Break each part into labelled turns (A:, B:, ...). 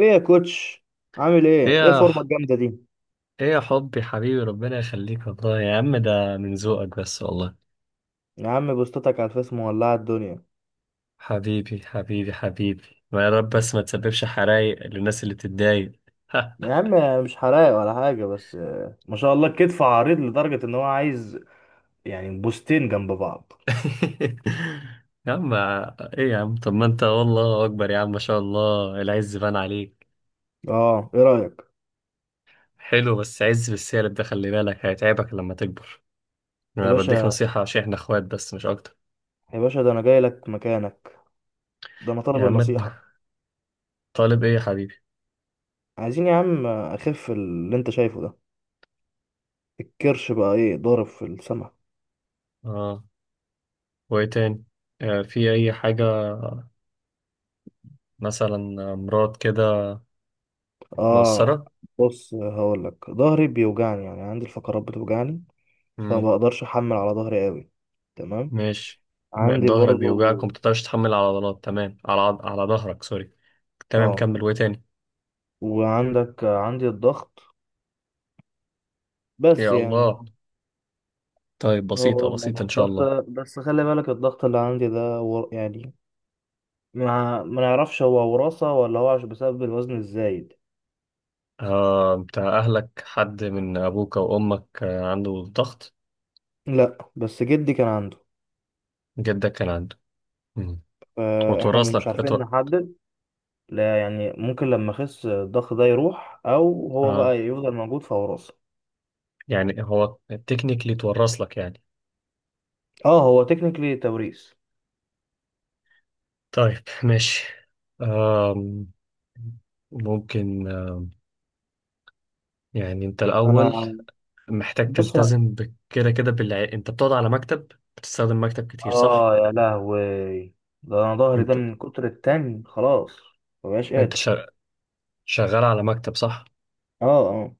A: ايه يا كوتش؟ عامل
B: ايه
A: ايه؟ ايه
B: يا
A: الفورمه
B: ح-
A: الجامده دي؟
B: ايه يا حبي حبيبي، ربنا يخليك والله. يا عم، ده من ذوقك بس والله.
A: يا عم، بوستاتك على الفيس مولعه الدنيا.
B: حبيبي حبيبي حبيبي، ما يا رب بس ما تسببش حرايق للناس اللي بتتضايق.
A: يا عم، مش حراق ولا حاجه، بس ما شاء الله، الكتف عريض لدرجه ان هو عايز يعني بوستين جنب بعض.
B: يا عم، ايه يا عم؟ طب ما انت والله اكبر، يا عم، ما شاء الله، العز بان عليك.
A: اه، ايه رايك؟
B: حلو، بس عز بالسالب ده، خلي بالك هيتعبك لما تكبر.
A: يا
B: انا بديك
A: باشا،
B: نصيحة عشان احنا اخوات، بس مش اكتر.
A: يا باشا، ده انا جاي لك مكانك. ده انا طالب
B: يا عم إنت،
A: النصيحه.
B: طالب ايه يا حبيبي؟
A: عايزين يا عم اخف اللي انت شايفه ده. الكرش بقى ايه، ضارب في السما.
B: اه، وايه تاني؟ في اي حاجة، مثلا امراض كده؟
A: اه.
B: مقصرة.
A: بص، هقول لك، ظهري بيوجعني، يعني عندي الفقرات بتوجعني. فما
B: امم
A: بقدرش احمل على ظهري قوي. تمام.
B: ماشي.
A: عندي
B: ظهرك بيوجعك وما
A: برضو.
B: بتقدرش تحمل على عضلات، تمام، على على ظهرك، سوري. تمام،
A: اه،
B: كمل، وايه تاني؟
A: عندي الضغط. بس
B: يا
A: يعني،
B: الله، طيب،
A: هو
B: بسيطة
A: ده
B: بسيطة ان
A: الموضوع
B: شاء
A: بس.
B: الله.
A: بس خلي بالك، الضغط اللي عندي ده يعني، ما نعرفش هو وراثة، ولا هو عشان بسبب الوزن الزايد.
B: بتاع اهلك، حد من ابوك او امك عنده ضغط؟
A: لا، بس جدي كان عنده.
B: جدك كان عنده. امم
A: فاحنا
B: وتورث
A: مش
B: لك؟ اتو...
A: عارفين نحدد. لا يعني، ممكن لما اخس الضغط ده يروح، او هو
B: آه
A: بقى يفضل موجود، فوراثة.
B: يعني هو تكنيكلي تورث لك، يعني.
A: اه، هو تكنيكلي توريث.
B: طيب، ماشي. آه ممكن، يعني انت الاول
A: انا
B: محتاج
A: بص.
B: تلتزم كده كده، انت بتقعد على مكتب، بتستخدم مكتب كتير، صح؟
A: اه يا لهوي، ده انا ظهري ده
B: انت
A: من كتر التاني، خلاص مبقاش
B: انت
A: قادر.
B: شغال على مكتب، صح؟
A: اه، اه،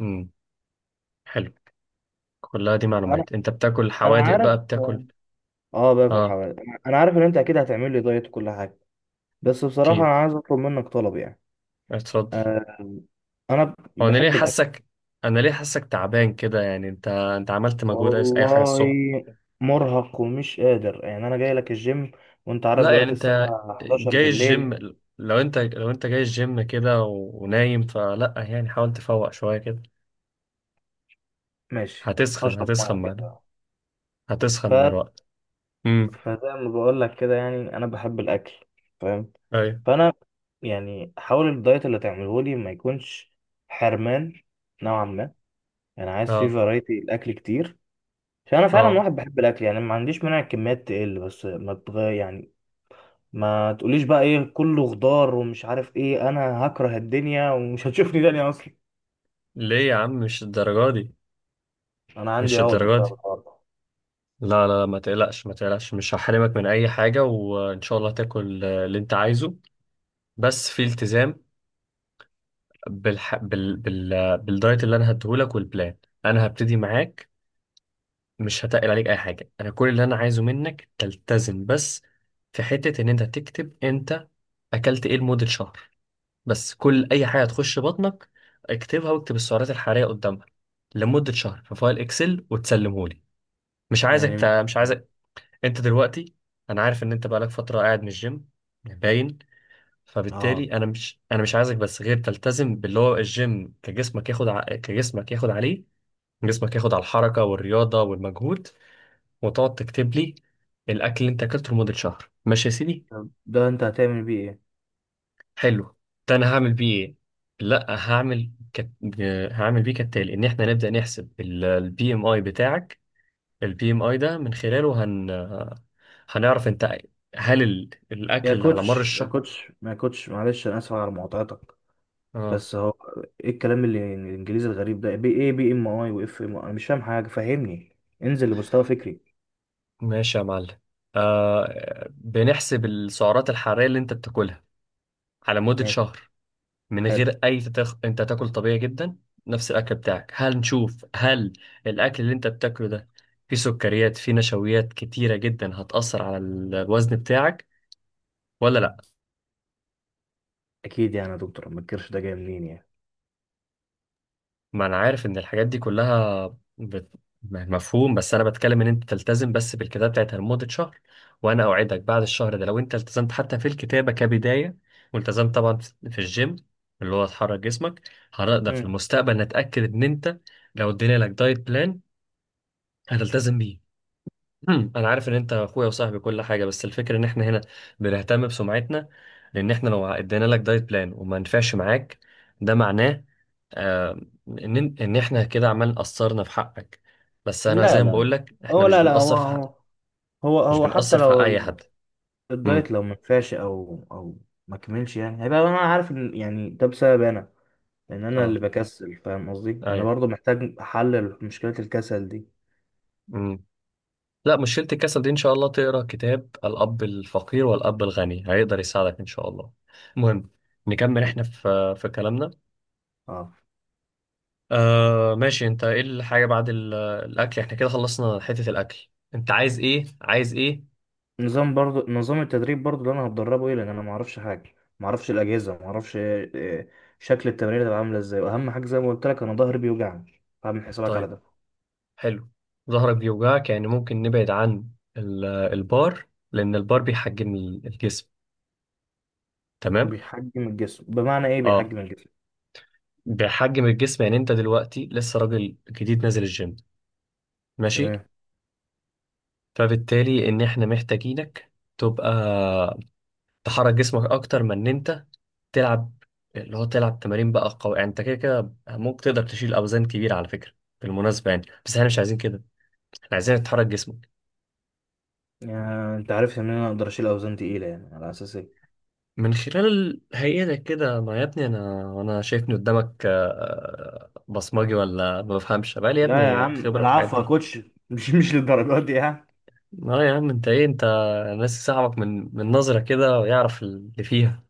B: امم حلو. كلها دي
A: انا
B: معلومات. انت بتاكل
A: انا
B: حوادق
A: عارف.
B: بقى، بتاكل.
A: اه، باكل
B: اه،
A: حوالي، انا عارف ان انت اكيد هتعمل لي دايت وكل حاجه. بس بصراحه انا
B: اكيد،
A: عايز اطلب منك طلب يعني.
B: اتفضل.
A: آه انا ب-
B: هو انا ليه
A: بحب الاكل.
B: حاسك انا ليه حاسك تعبان كده؟ يعني انت عملت مجهود، اي حاجه
A: والله،
B: الصبح؟
A: مرهق ومش قادر، يعني انا جاي لك الجيم، وانت عارف
B: لا يعني،
A: دلوقتي
B: انت
A: الساعه 11
B: جاي الجيم؟
A: بالليل.
B: لو انت جاي الجيم كده ونايم، فلا يعني، حاول تفوق شويه كده.
A: ماشي،
B: هتسخن
A: هشرب
B: هتسخن
A: ميه
B: معانا.
A: كده.
B: هتسخن
A: ف...
B: مع الوقت. امم
A: فزي ما بقول لك كده، يعني انا بحب الاكل، فاهم.
B: أيوه.
A: فانا يعني، حاول الدايت اللي تعمله لي ما يكونش حرمان، نوعا ما. يعني عايز فيه
B: اه،
A: فرايتي، الاكل كتير، عشان انا فعلا
B: اه.
A: واحد بحب الاكل يعني. ما عنديش مانع الكميات تقل، بس ما تغير يعني. ما تقوليش بقى ايه، كله خضار ومش عارف ايه، انا هكره الدنيا ومش هتشوفني تاني اصلا.
B: ليه يا عم؟ مش الدرجة دي،
A: انا عندي
B: مش
A: عقدة
B: الدرجة
A: بسبب
B: دي.
A: الحوار ده.
B: لا لا، ما تقلقش، ما تقلقش، مش هحرمك من أي حاجة، وإن شاء الله تاكل اللي أنت عايزه. بس في التزام بالح... بال... بال... آه، بالدايت اللي أنا هديهولك والبلان. أنا هبتدي معاك. مش هتقل عليك أي حاجة، أنا كل اللي أنا عايزه منك تلتزم بس. في حتة إن أنت تكتب أنت أكلت إيه لمدة شهر. بس كل أي حاجة تخش بطنك، اكتبها واكتب السعرات الحرارية قدامها لمدة شهر في فايل إكسل وتسلمهولي. مش عايزك
A: يعني،
B: تع... مش عايزك انت دلوقتي. انا عارف ان انت بقالك فتره قاعد من الجيم، باين.
A: اه،
B: فبالتالي انا مش عايزك بس غير تلتزم باللي هو الجيم، كجسمك ياخد عليه. جسمك ياخد على الحركه والرياضه والمجهود، وتقعد تكتب لي الاكل اللي انت اكلته لمده شهر، ماشي يا سيدي؟
A: طب، ده انت هتعمل بيه ايه؟
B: حلو. ده انا هعمل بيه ايه؟ لا، هعمل كت... هعمل بيه كالتالي، ان احنا نبدا نحسب البي ام اي بتاعك. البي ام اي ده من خلاله هنعرف انت، هل الاكل
A: يا
B: اللي على مر
A: كوتش، يا
B: الشهر...
A: كوتش، ما يا كوتش معلش، انا اسف على مقاطعتك.
B: اه،
A: بس هو، ايه الكلام اللي الانجليزي الغريب ده؟ بي ايه، بي ام اي، واف ام اي؟ انا مش فاهم حاجه، فهمني. انزل لمستوى فكري.
B: ماشي يا معلم. بنحسب السعرات الحرارية اللي انت بتاكلها على مدة
A: ماشي،
B: شهر، من
A: حلو.
B: غير اي انت تاكل طبيعي جدا، نفس الاكل بتاعك. هل نشوف هل الاكل اللي انت بتاكله ده فيه سكريات، فيه نشويات كتيرة جدا، هتأثر على الوزن بتاعك ولا لا؟
A: اكيد يعني، يا دكتور، ما تكرش ده جاي منين يعني؟
B: ما انا عارف ان الحاجات دي كلها بت... مفهوم، بس انا بتكلم ان انت تلتزم بس بالكتابه بتاعتها لمده شهر. وانا اوعدك بعد الشهر ده، لو انت التزمت حتى في الكتابه كبدايه، والتزمت طبعا في الجيم اللي هو تحرك جسمك، هنقدر في
A: مم.
B: المستقبل نتاكد ان انت لو ادينا لك دايت بلان هتلتزم بيه. مم. انا عارف ان انت اخويا وصاحبي كل حاجه، بس الفكره ان احنا هنا بنهتم بسمعتنا، لان احنا لو ادينا لك دايت بلان وما نفعش معاك، ده معناه آه، ان احنا كده عمال قصرنا في حقك. بس انا
A: لا
B: زي ما بقول
A: لا،
B: لك، احنا
A: هو،
B: مش
A: لا لا، هو
B: بنقصر في حق،
A: هو هو
B: مش
A: هو حتى
B: بنقصر في حق
A: لو
B: اي حد. امم
A: الدايت لو ما نفعش، او ما كملش، يعني هيبقى انا عارف ان يعني ده بسبب انا، لان انا
B: اه،
A: اللي بكسل، فاهم قصدي. انا
B: ايوه.
A: برضو محتاج احلل مشكله الكسل دي.
B: امم لا، مشكله الكسل دي ان شاء الله تقرا كتاب الاب الفقير والاب الغني، هيقدر يساعدك ان شاء الله. المهم، نكمل احنا في كلامنا.
A: اه،
B: ماشي. انت ايه الحاجة بعد الأكل؟ احنا كده خلصنا حتة الأكل، انت عايز ايه عايز ايه؟
A: نظام برضو، نظام التدريب برضو اللي انا هتدربه ايه؟ لان انا ما اعرفش حاجه، ما اعرفش الاجهزه، ما اعرفش شكل التمرين هتبقى عامله ازاي. واهم حاجه زي ما قلت لك، انا ظهري بيوجعني، فاعمل حسابك على
B: طيب،
A: ده.
B: حلو. ظهرك بيوجعك، يعني ممكن نبعد عن البار، لأن البار بيحجم الجسم، تمام.
A: بيحجم الجسم بمعنى ايه
B: اه،
A: بيحجم الجسم؟
B: بيحجم الجسم يعني انت دلوقتي لسه راجل جديد نازل الجيم، ماشي.
A: تمام.
B: فبالتالي ان احنا محتاجينك تبقى تحرك جسمك اكتر من ان انت تلعب، اللي هو تلعب تمارين بقى قوي، يعني انت كده كده ممكن تقدر تشيل اوزان كبيره على فكره بالمناسبه، يعني بس احنا مش عايزين كده. احنا عايزين تحرك جسمك
A: يعني انت عارف ان انا اقدر اشيل اوزان تقيله، يعني على اساس ايه؟
B: من خلال هيئتك كده. ما يا ابني، انا شايفني قدامك، بصمجي ولا ما بفهمش بقى؟ لي يا
A: لا يا
B: ابني
A: عم
B: خبره في الحاجات
A: العفو يا
B: دي.
A: كوتش مش للدرجات دي يعني.
B: اه يا عم، انت ايه؟ انت ناسي صاحبك من نظره كده ويعرف اللي فيها.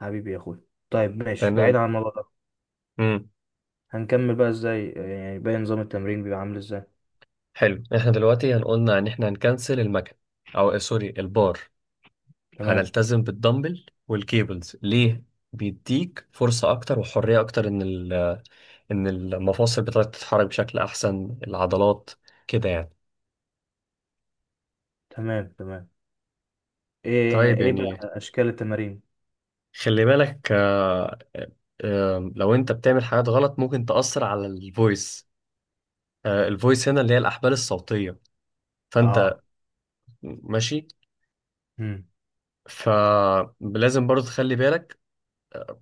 A: حبيبي يا اخوي. طيب ماشي، بعيد
B: تمام.
A: عن الموضوع ده،
B: امم
A: هنكمل بقى ازاي يعني؟ باقي نظام التمرين بيبقى عامل ازاي؟
B: حلو. احنا دلوقتي هنقولنا ان احنا هنكنسل المكان، او سوري، البار.
A: تمام،
B: هنلتزم بالدمبل والكيبلز. ليه؟ بيديك فرصة أكتر وحرية أكتر، إن إن المفاصل بتاعتك تتحرك بشكل أحسن، العضلات كده يعني.
A: تمام، تمام. ايه،
B: طيب،
A: ايه بقى
B: يعني
A: اشكال التمارين؟
B: خلي بالك، لو أنت بتعمل حاجات غلط ممكن تأثر على الفويس. الفويس هنا اللي هي الأحبال الصوتية.
A: اه.
B: فأنت، ماشي.
A: مم.
B: فلازم برضو تخلي بالك، آه،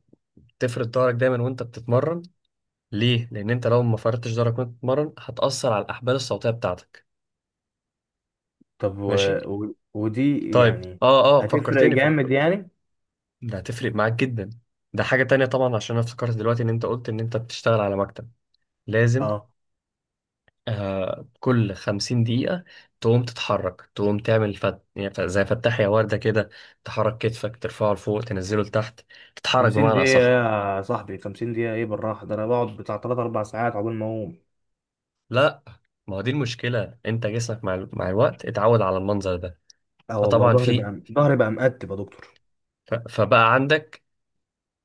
B: تفرد ظهرك دايما وأنت بتتمرن. ليه؟ لأن أنت لو ما فردتش ظهرك وأنت بتتمرن هتأثر على الأحبال الصوتية بتاعتك،
A: طب،
B: ماشي.
A: ودي
B: طيب،
A: يعني
B: اه اه،
A: هتفرق
B: فكرتني، فكر.
A: جامد يعني؟
B: ده هتفرق معاك جدا. ده حاجة تانية طبعا، عشان انا افتكرت دلوقتي ان انت قلت ان انت بتشتغل على مكتب. لازم،
A: اه،
B: كل خمسين دقيقة تقوم تتحرك، تقوم تعمل يعني زي فتح يا وردة كده، تحرك كتفك، ترفعه لفوق، تنزله لتحت، تتحرك
A: 50
B: بمعنى
A: دقيقة؟
B: أصح.
A: يا صاحبي، 50 دقيقة ايه بالراحة، ده انا بقعد بتاع 3 4 ساعات عقبال ما اقوم.
B: لا، ما هو دي المشكلة، انت جسمك مع الوقت اتعود على المنظر ده.
A: اه والله،
B: فطبعا
A: ظهري بقى ظهري بقى مقتب يا دكتور.
B: فبقى عندك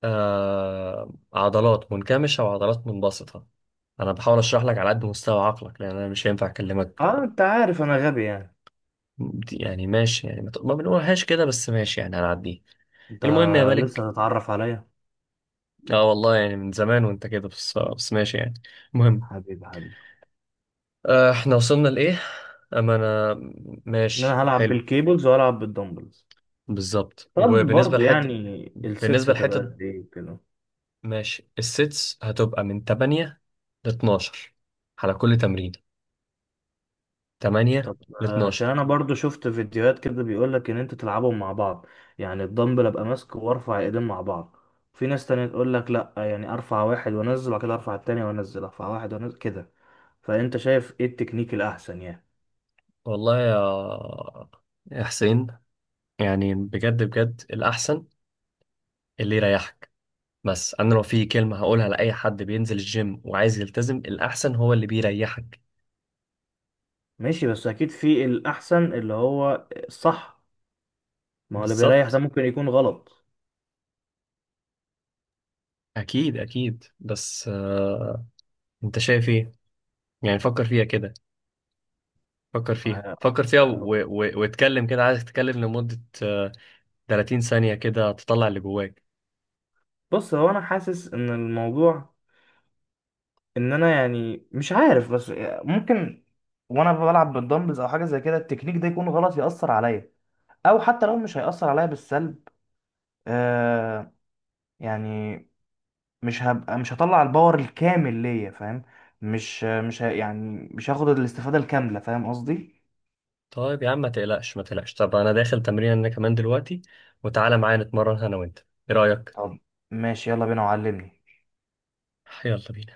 B: عضلات منكمشة وعضلات منبسطة. أنا بحاول أشرح لك على قد مستوى عقلك، لأن أنا مش هينفع أكلمك.
A: اه، انت عارف انا غبي يعني.
B: يعني ماشي يعني، ما بنقولهاش كده، بس ماشي يعني، هنعديه.
A: انت
B: المهم يا ملك،
A: لسه هتتعرف عليا.
B: والله يعني من زمان وأنت كده، بس ماشي يعني. المهم،
A: حبيبي، حبيبي.
B: إحنا وصلنا لإيه؟ أما أنا،
A: ان
B: ماشي،
A: انا هلعب
B: حلو،
A: بالكيبلز وهلعب بالدمبلز.
B: بالظبط.
A: طب
B: وبالنسبة
A: برضو
B: لحتة
A: يعني، السيتس
B: بالنسبة
A: هتبقى
B: لحتة،
A: قد ايه كده؟
B: ماشي السيتس هتبقى من 8 ل 12 على كل تمرين، 8
A: طب،
B: ل
A: عشان
B: 12.
A: انا برضو شفت فيديوهات كده بيقولك ان انت تلعبهم مع بعض. يعني الدمبل ابقى ماسكه، وارفع ايدين مع بعض. في ناس تانية تقولك لا، يعني ارفع واحد وانزل، وبعد كده ارفع التاني وانزل، ارفع واحد وانزل كده. فانت شايف ايه التكنيك الاحسن يعني؟
B: والله يا حسين، يعني بجد بجد، الأحسن اللي يريحك. بس أنا لو في كلمة هقولها لأي حد بينزل الجيم وعايز يلتزم، الأحسن هو اللي بيريحك.
A: ماشي، بس اكيد في الاحسن اللي هو الصح. ما هو اللي بيريح ده
B: بالظبط.
A: ممكن يكون غلط.
B: أكيد أكيد، بس أنت شايف إيه؟ يعني فكر فيها كده، فكر فيها،
A: آه،
B: فكر فيها،
A: آه،
B: واتكلم كده، عايزك تتكلم لمدة 30 ثانية كده، تطلع اللي جواك.
A: بص، هو انا حاسس ان الموضوع، ان انا يعني مش عارف، بس ممكن وانا بلعب بالدمبلز او حاجه زي كده، التكنيك ده يكون غلط، ياثر عليا. او حتى لو مش هياثر عليا بالسلب، آه يعني مش هبقى، مش هطلع الباور الكامل ليا، فاهم؟ مش مش ه- يعني مش هاخد الاستفاده الكامله، فاهم قصدي؟
B: طيب يا عم، ما تقلقش، ما تقلقش، طب أنا داخل تمرين أنا كمان دلوقتي، وتعالى معايا نتمرن أنا وأنت، إيه رأيك؟
A: طب ماشي، يلا بينا وعلمني.
B: يلا بينا.